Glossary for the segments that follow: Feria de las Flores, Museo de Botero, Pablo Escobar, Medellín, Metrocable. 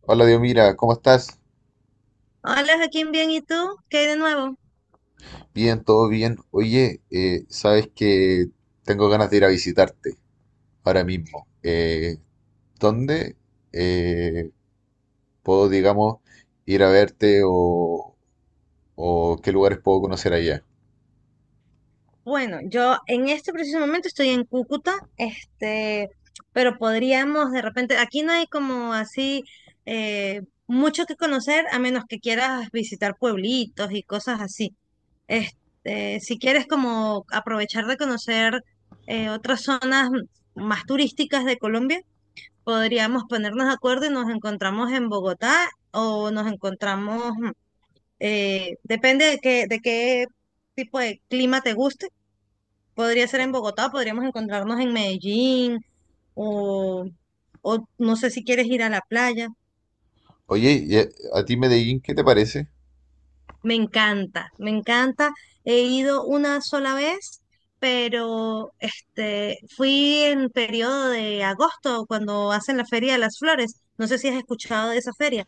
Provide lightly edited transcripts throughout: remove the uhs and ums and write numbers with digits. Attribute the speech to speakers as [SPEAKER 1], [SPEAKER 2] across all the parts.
[SPEAKER 1] Hola, Dios, mira, ¿cómo estás?
[SPEAKER 2] Hola Joaquín, bien, ¿y tú? ¿Qué hay de nuevo?
[SPEAKER 1] Bien, todo bien. Oye, sabes que tengo ganas de ir a visitarte ahora mismo. ¿Dónde eh, puedo, digamos, ir a verte o qué lugares puedo conocer allá?
[SPEAKER 2] Bueno, yo en este preciso momento estoy en Cúcuta, pero podríamos de repente, aquí no hay como así mucho que conocer a menos que quieras visitar pueblitos y cosas así. Si quieres como aprovechar de conocer otras zonas más turísticas de Colombia, podríamos ponernos de acuerdo y nos encontramos en Bogotá o nos encontramos. Depende de qué tipo de clima te guste. Podría ser en
[SPEAKER 1] Claro.
[SPEAKER 2] Bogotá, podríamos encontrarnos en Medellín o, o no sé si quieres ir a la playa.
[SPEAKER 1] Oye, ¿y a ti Medellín qué te parece?
[SPEAKER 2] Me encanta, me encanta. He ido una sola vez, pero fui en periodo de agosto cuando hacen la Feria de las Flores. No sé si has escuchado de esa feria.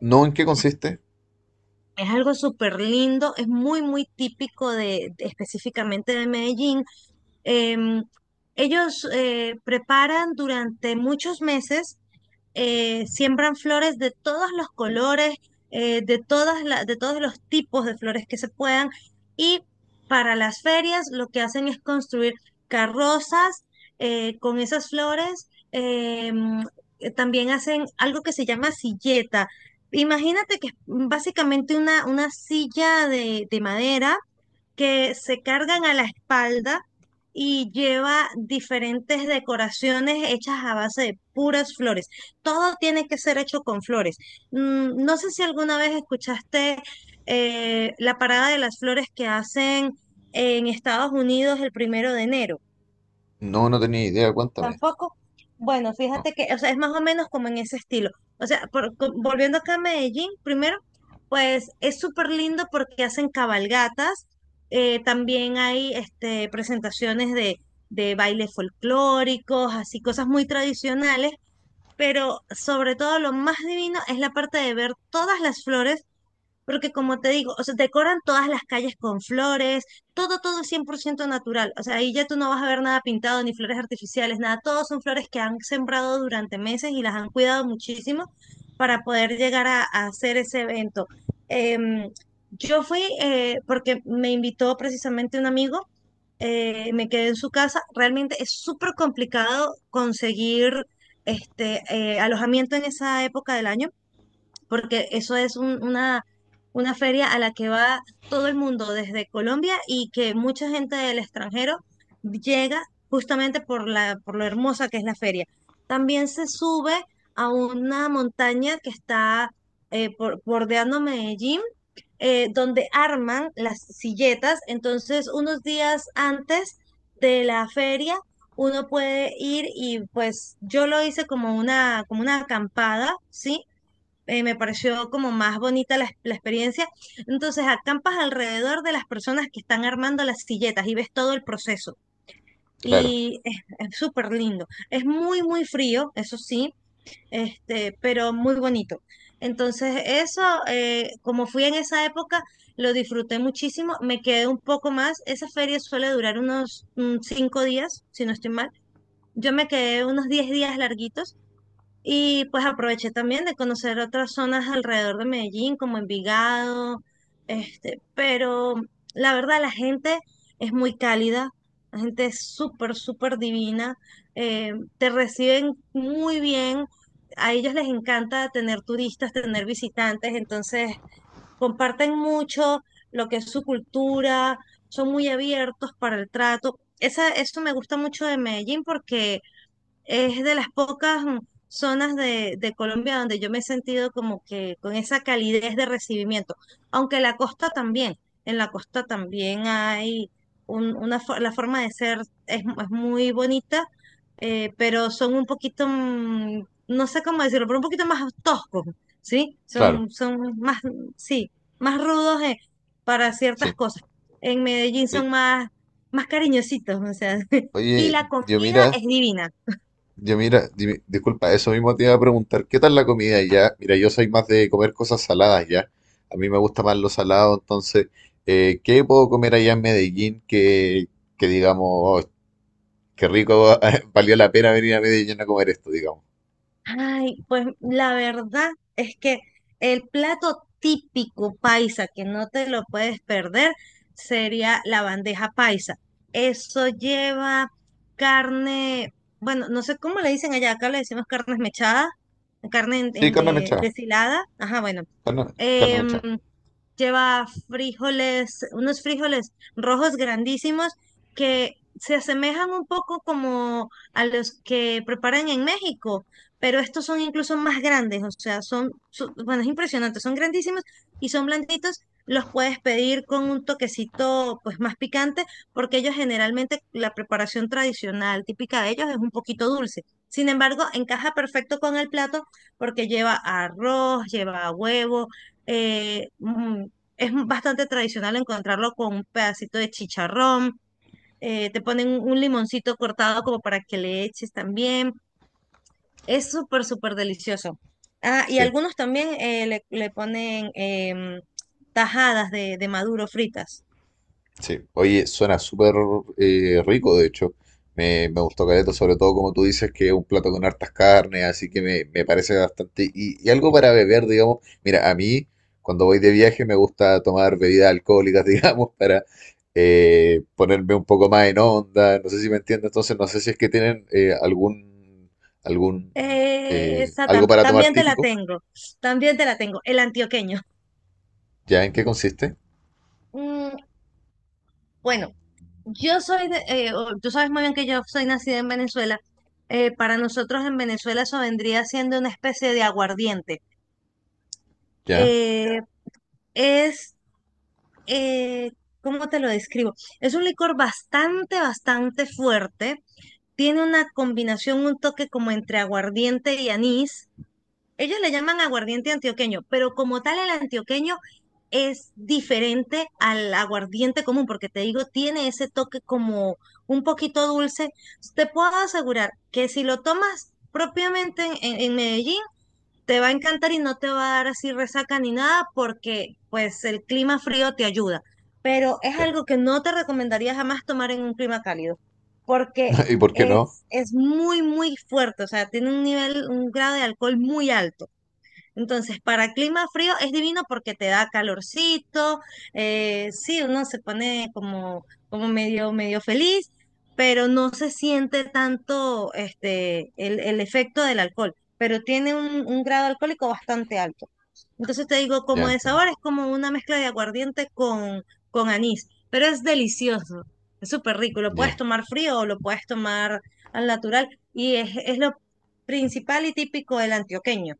[SPEAKER 1] ¿No? ¿En qué consiste?
[SPEAKER 2] Es algo súper lindo, es muy, muy típico específicamente de Medellín. Em, Ellos preparan durante muchos meses, siembran flores de todos los colores, de de todos los tipos de flores que se puedan. Y para las ferias lo que hacen es construir carrozas con esas flores. También hacen algo que se llama silleta. Imagínate que es básicamente una silla de madera que se cargan a la espalda y lleva diferentes decoraciones hechas a base de puras flores. Todo tiene que ser hecho con flores. No sé si alguna vez escuchaste la parada de las flores que hacen en Estados Unidos el 1 de enero.
[SPEAKER 1] No, no tenía idea, cuéntame.
[SPEAKER 2] Tampoco. Bueno,
[SPEAKER 1] No,
[SPEAKER 2] fíjate que, o sea, es más o menos como en ese estilo. O sea, volviendo acá a Medellín, primero, pues es súper lindo porque hacen cabalgatas, también hay presentaciones de bailes folclóricos, así cosas muy tradicionales, pero sobre todo lo más divino es la parte de ver todas las flores porque como te digo, o sea, decoran todas las calles con flores, todo, todo es 100% natural. O sea, ahí ya tú no vas a ver nada pintado, ni flores artificiales, nada. Todos son flores que han sembrado durante meses y las han cuidado muchísimo para poder llegar a hacer ese evento. Em, yo fui porque me invitó precisamente un amigo, me quedé en su casa. Realmente es súper complicado conseguir alojamiento en esa época del año porque eso es una feria a la que va todo el mundo desde Colombia y que mucha gente del extranjero llega justamente por por lo hermosa que es la feria. También se sube a una montaña que está bordeando Medellín donde arman las silletas. Entonces, unos días antes de la feria, uno puede ir y pues yo lo hice como como una acampada, ¿sí? Me pareció como más bonita la experiencia. Entonces acampas alrededor de las personas que están armando las silletas y ves todo el proceso.
[SPEAKER 1] claro,
[SPEAKER 2] Y es súper lindo. Es muy, muy frío, eso sí, pero muy bonito. Entonces eso, como fui en esa época, lo disfruté muchísimo. Me quedé un poco más. Esa feria suele durar unos 5 días, si no estoy mal. Yo me quedé unos 10 días larguitos y pues aproveché también de conocer otras zonas alrededor de Medellín, como Envigado, pero la verdad la gente es muy cálida, la gente es súper, súper divina, te reciben muy bien, a ellos les encanta tener turistas, tener visitantes, entonces comparten mucho lo que es su cultura, son muy abiertos para el trato. Esa, eso me gusta mucho de Medellín porque es de las pocas zonas de Colombia donde yo me he sentido como que con esa calidez de recibimiento, aunque la costa también, en la costa también hay la forma de ser es muy bonita, pero son un poquito, no sé cómo decirlo, pero un poquito más toscos, ¿sí?
[SPEAKER 1] claro,
[SPEAKER 2] Son, son más, sí, más rudos para ciertas
[SPEAKER 1] sí.
[SPEAKER 2] cosas. En Medellín
[SPEAKER 1] Oye,
[SPEAKER 2] son más, más cariñositos, o sea, y
[SPEAKER 1] oye,
[SPEAKER 2] la
[SPEAKER 1] Dios,
[SPEAKER 2] comida
[SPEAKER 1] mira.
[SPEAKER 2] es divina.
[SPEAKER 1] Yo mira, dime- disculpa, eso mismo te iba a preguntar, ¿qué tal la comida ya? Mira, yo soy más de comer cosas saladas ya. A mí me gusta más lo salado, entonces, ¿qué puedo comer allá en Medellín que digamos, oh, qué rico, valió la pena venir a Medellín a comer esto, digamos?
[SPEAKER 2] Ay, pues la verdad es que el plato típico paisa que no te lo puedes perder sería la bandeja paisa. Eso lleva carne, bueno, no sé cómo le dicen allá, acá le decimos carne mechada, carne
[SPEAKER 1] Sí, carne mechada,
[SPEAKER 2] deshilada. Ajá, bueno.
[SPEAKER 1] carne, carne
[SPEAKER 2] em,
[SPEAKER 1] mechada,
[SPEAKER 2] Lleva frijoles, unos frijoles rojos grandísimos que se asemejan un poco como a los que preparan en México, pero estos son incluso más grandes, o sea, bueno, es impresionante, son grandísimos y son blanditos. Los puedes pedir con un toquecito pues más picante, porque ellos generalmente la preparación tradicional típica de ellos es un poquito dulce. Sin embargo, encaja perfecto con el plato porque lleva arroz, lleva huevo, eh, mm, es bastante tradicional encontrarlo con un pedacito de chicharrón, te ponen un limoncito cortado como para que le eches también. Es súper, súper delicioso. Ah, y
[SPEAKER 1] sí.
[SPEAKER 2] algunos también le ponen tajadas de maduro fritas.
[SPEAKER 1] Sí, oye, suena súper rico, de hecho. Me gustó caleta, sobre todo como tú dices, que es un plato con hartas carnes, así que me parece bastante. Y algo para beber, digamos. Mira, a mí, cuando voy de viaje, me gusta tomar bebidas alcohólicas, digamos, para ponerme un poco más en onda. No sé si me entiendes, entonces no sé si es que tienen algún, algún,
[SPEAKER 2] Esa
[SPEAKER 1] algo para tomar
[SPEAKER 2] también te la
[SPEAKER 1] típico.
[SPEAKER 2] tengo, también te la tengo, el antioqueño.
[SPEAKER 1] ¿Ya? ¿En qué consiste?
[SPEAKER 2] Mm, bueno, yo soy tú sabes muy bien que yo soy nacida en Venezuela. Para nosotros en Venezuela eso vendría siendo una especie de aguardiente.
[SPEAKER 1] ¿Ya?
[SPEAKER 2] Eh, es, eh, ¿Cómo te lo describo? Es un licor bastante, bastante fuerte. Tiene una combinación, un toque como entre aguardiente y anís. Ellos le llaman aguardiente antioqueño, pero como tal el antioqueño es diferente al aguardiente común, porque te digo, tiene ese toque como un poquito dulce. Te puedo asegurar que si lo tomas propiamente en, en Medellín, te va a encantar y no te va a dar así resaca ni nada porque pues el clima frío te ayuda, pero es
[SPEAKER 1] ¿Ya?
[SPEAKER 2] algo que no te recomendaría jamás tomar en un clima cálido porque
[SPEAKER 1] ¿Y por qué no?
[SPEAKER 2] es muy, muy fuerte, o sea, tiene un nivel, un grado de alcohol muy alto. Entonces, para clima frío es divino porque te da calorcito, sí, uno se pone como medio, medio feliz, pero no se siente tanto el efecto del alcohol, pero tiene un grado alcohólico bastante alto. Entonces te digo,
[SPEAKER 1] Ya
[SPEAKER 2] como de
[SPEAKER 1] entiendo.
[SPEAKER 2] sabor es como una mezcla de aguardiente con anís, pero es delicioso, es súper rico, lo puedes
[SPEAKER 1] Ya.
[SPEAKER 2] tomar frío o lo puedes tomar al natural y es lo principal y típico del antioqueño.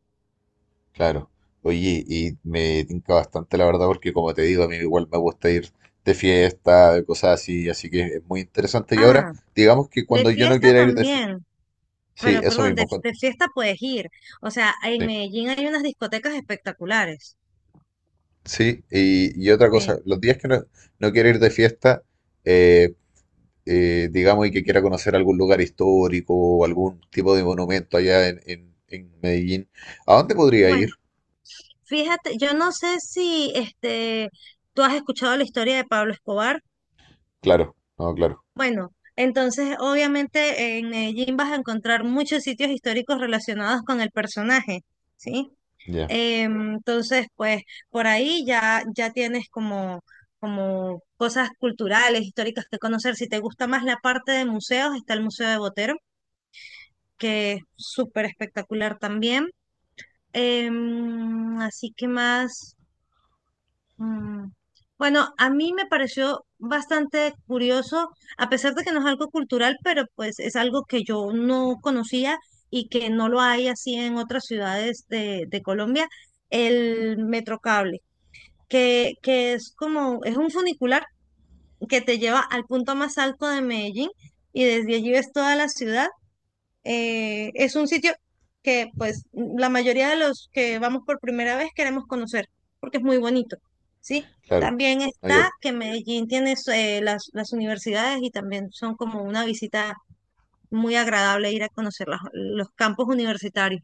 [SPEAKER 1] Claro. Oye, y me tinca bastante la verdad porque como te digo, a mí igual me gusta ir de fiesta, de cosas así, así que es muy interesante. Y ahora,
[SPEAKER 2] Ah,
[SPEAKER 1] digamos que
[SPEAKER 2] de
[SPEAKER 1] cuando yo no
[SPEAKER 2] fiesta
[SPEAKER 1] quiera ir de fiesta,
[SPEAKER 2] también,
[SPEAKER 1] sí,
[SPEAKER 2] pero
[SPEAKER 1] eso
[SPEAKER 2] perdón,
[SPEAKER 1] mismo, cuan-
[SPEAKER 2] de fiesta puedes ir. O sea, en
[SPEAKER 1] sí,
[SPEAKER 2] Medellín hay unas discotecas espectaculares.
[SPEAKER 1] sí, y otra cosa,
[SPEAKER 2] Sí.
[SPEAKER 1] los días que no, no quiero ir de fiesta, eh, digamos, y que quiera conocer algún lugar histórico o algún tipo de monumento allá en Medellín, ¿a dónde podría ir?
[SPEAKER 2] Bueno, fíjate, yo no sé si tú has escuchado la historia de Pablo Escobar.
[SPEAKER 1] Claro, no, claro,
[SPEAKER 2] Bueno, entonces obviamente en Medellín vas a encontrar muchos sitios históricos relacionados con el personaje, ¿sí?
[SPEAKER 1] ya,
[SPEAKER 2] Entonces, pues por ahí ya tienes como cosas culturales, históricas que conocer. Si te gusta más la parte de museos, está el Museo de Botero, que es súper espectacular también. Así que más. mm, Bueno, a mí me pareció bastante curioso, a pesar de que no es algo cultural, pero pues es algo que yo no conocía y que no lo hay así en otras ciudades de Colombia, el Metrocable, que es como, es un funicular que te lleva al punto más alto de Medellín y desde allí ves toda la ciudad. Es un sitio que pues la mayoría de los que vamos por primera vez queremos conocer porque es muy bonito, ¿sí?
[SPEAKER 1] claro.
[SPEAKER 2] También
[SPEAKER 1] No, ya.
[SPEAKER 2] está que Medellín tiene las universidades y también son como una visita muy agradable ir a conocer los campos universitarios.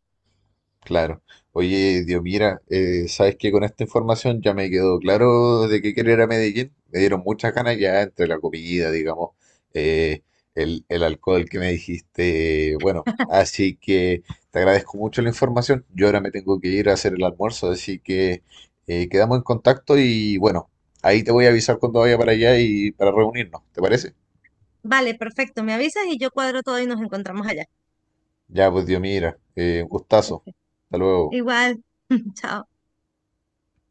[SPEAKER 1] Claro. Oye, Dios, mira, sabes que con esta información ya me quedó claro de qué querer a Medellín. Me dieron muchas ganas ya entre la comida, digamos, eh, el alcohol que me dijiste. Bueno, así que te agradezco mucho la información. Yo ahora me tengo que ir a hacer el almuerzo, así que quedamos en contacto y bueno, ahí te voy a avisar cuando vaya para allá y para reunirnos, ¿te parece?
[SPEAKER 2] Vale, perfecto, me avisas y yo cuadro todo y nos encontramos allá.
[SPEAKER 1] Ya, pues Dios, mira, un gustazo. Hasta luego.
[SPEAKER 2] Igual, chao.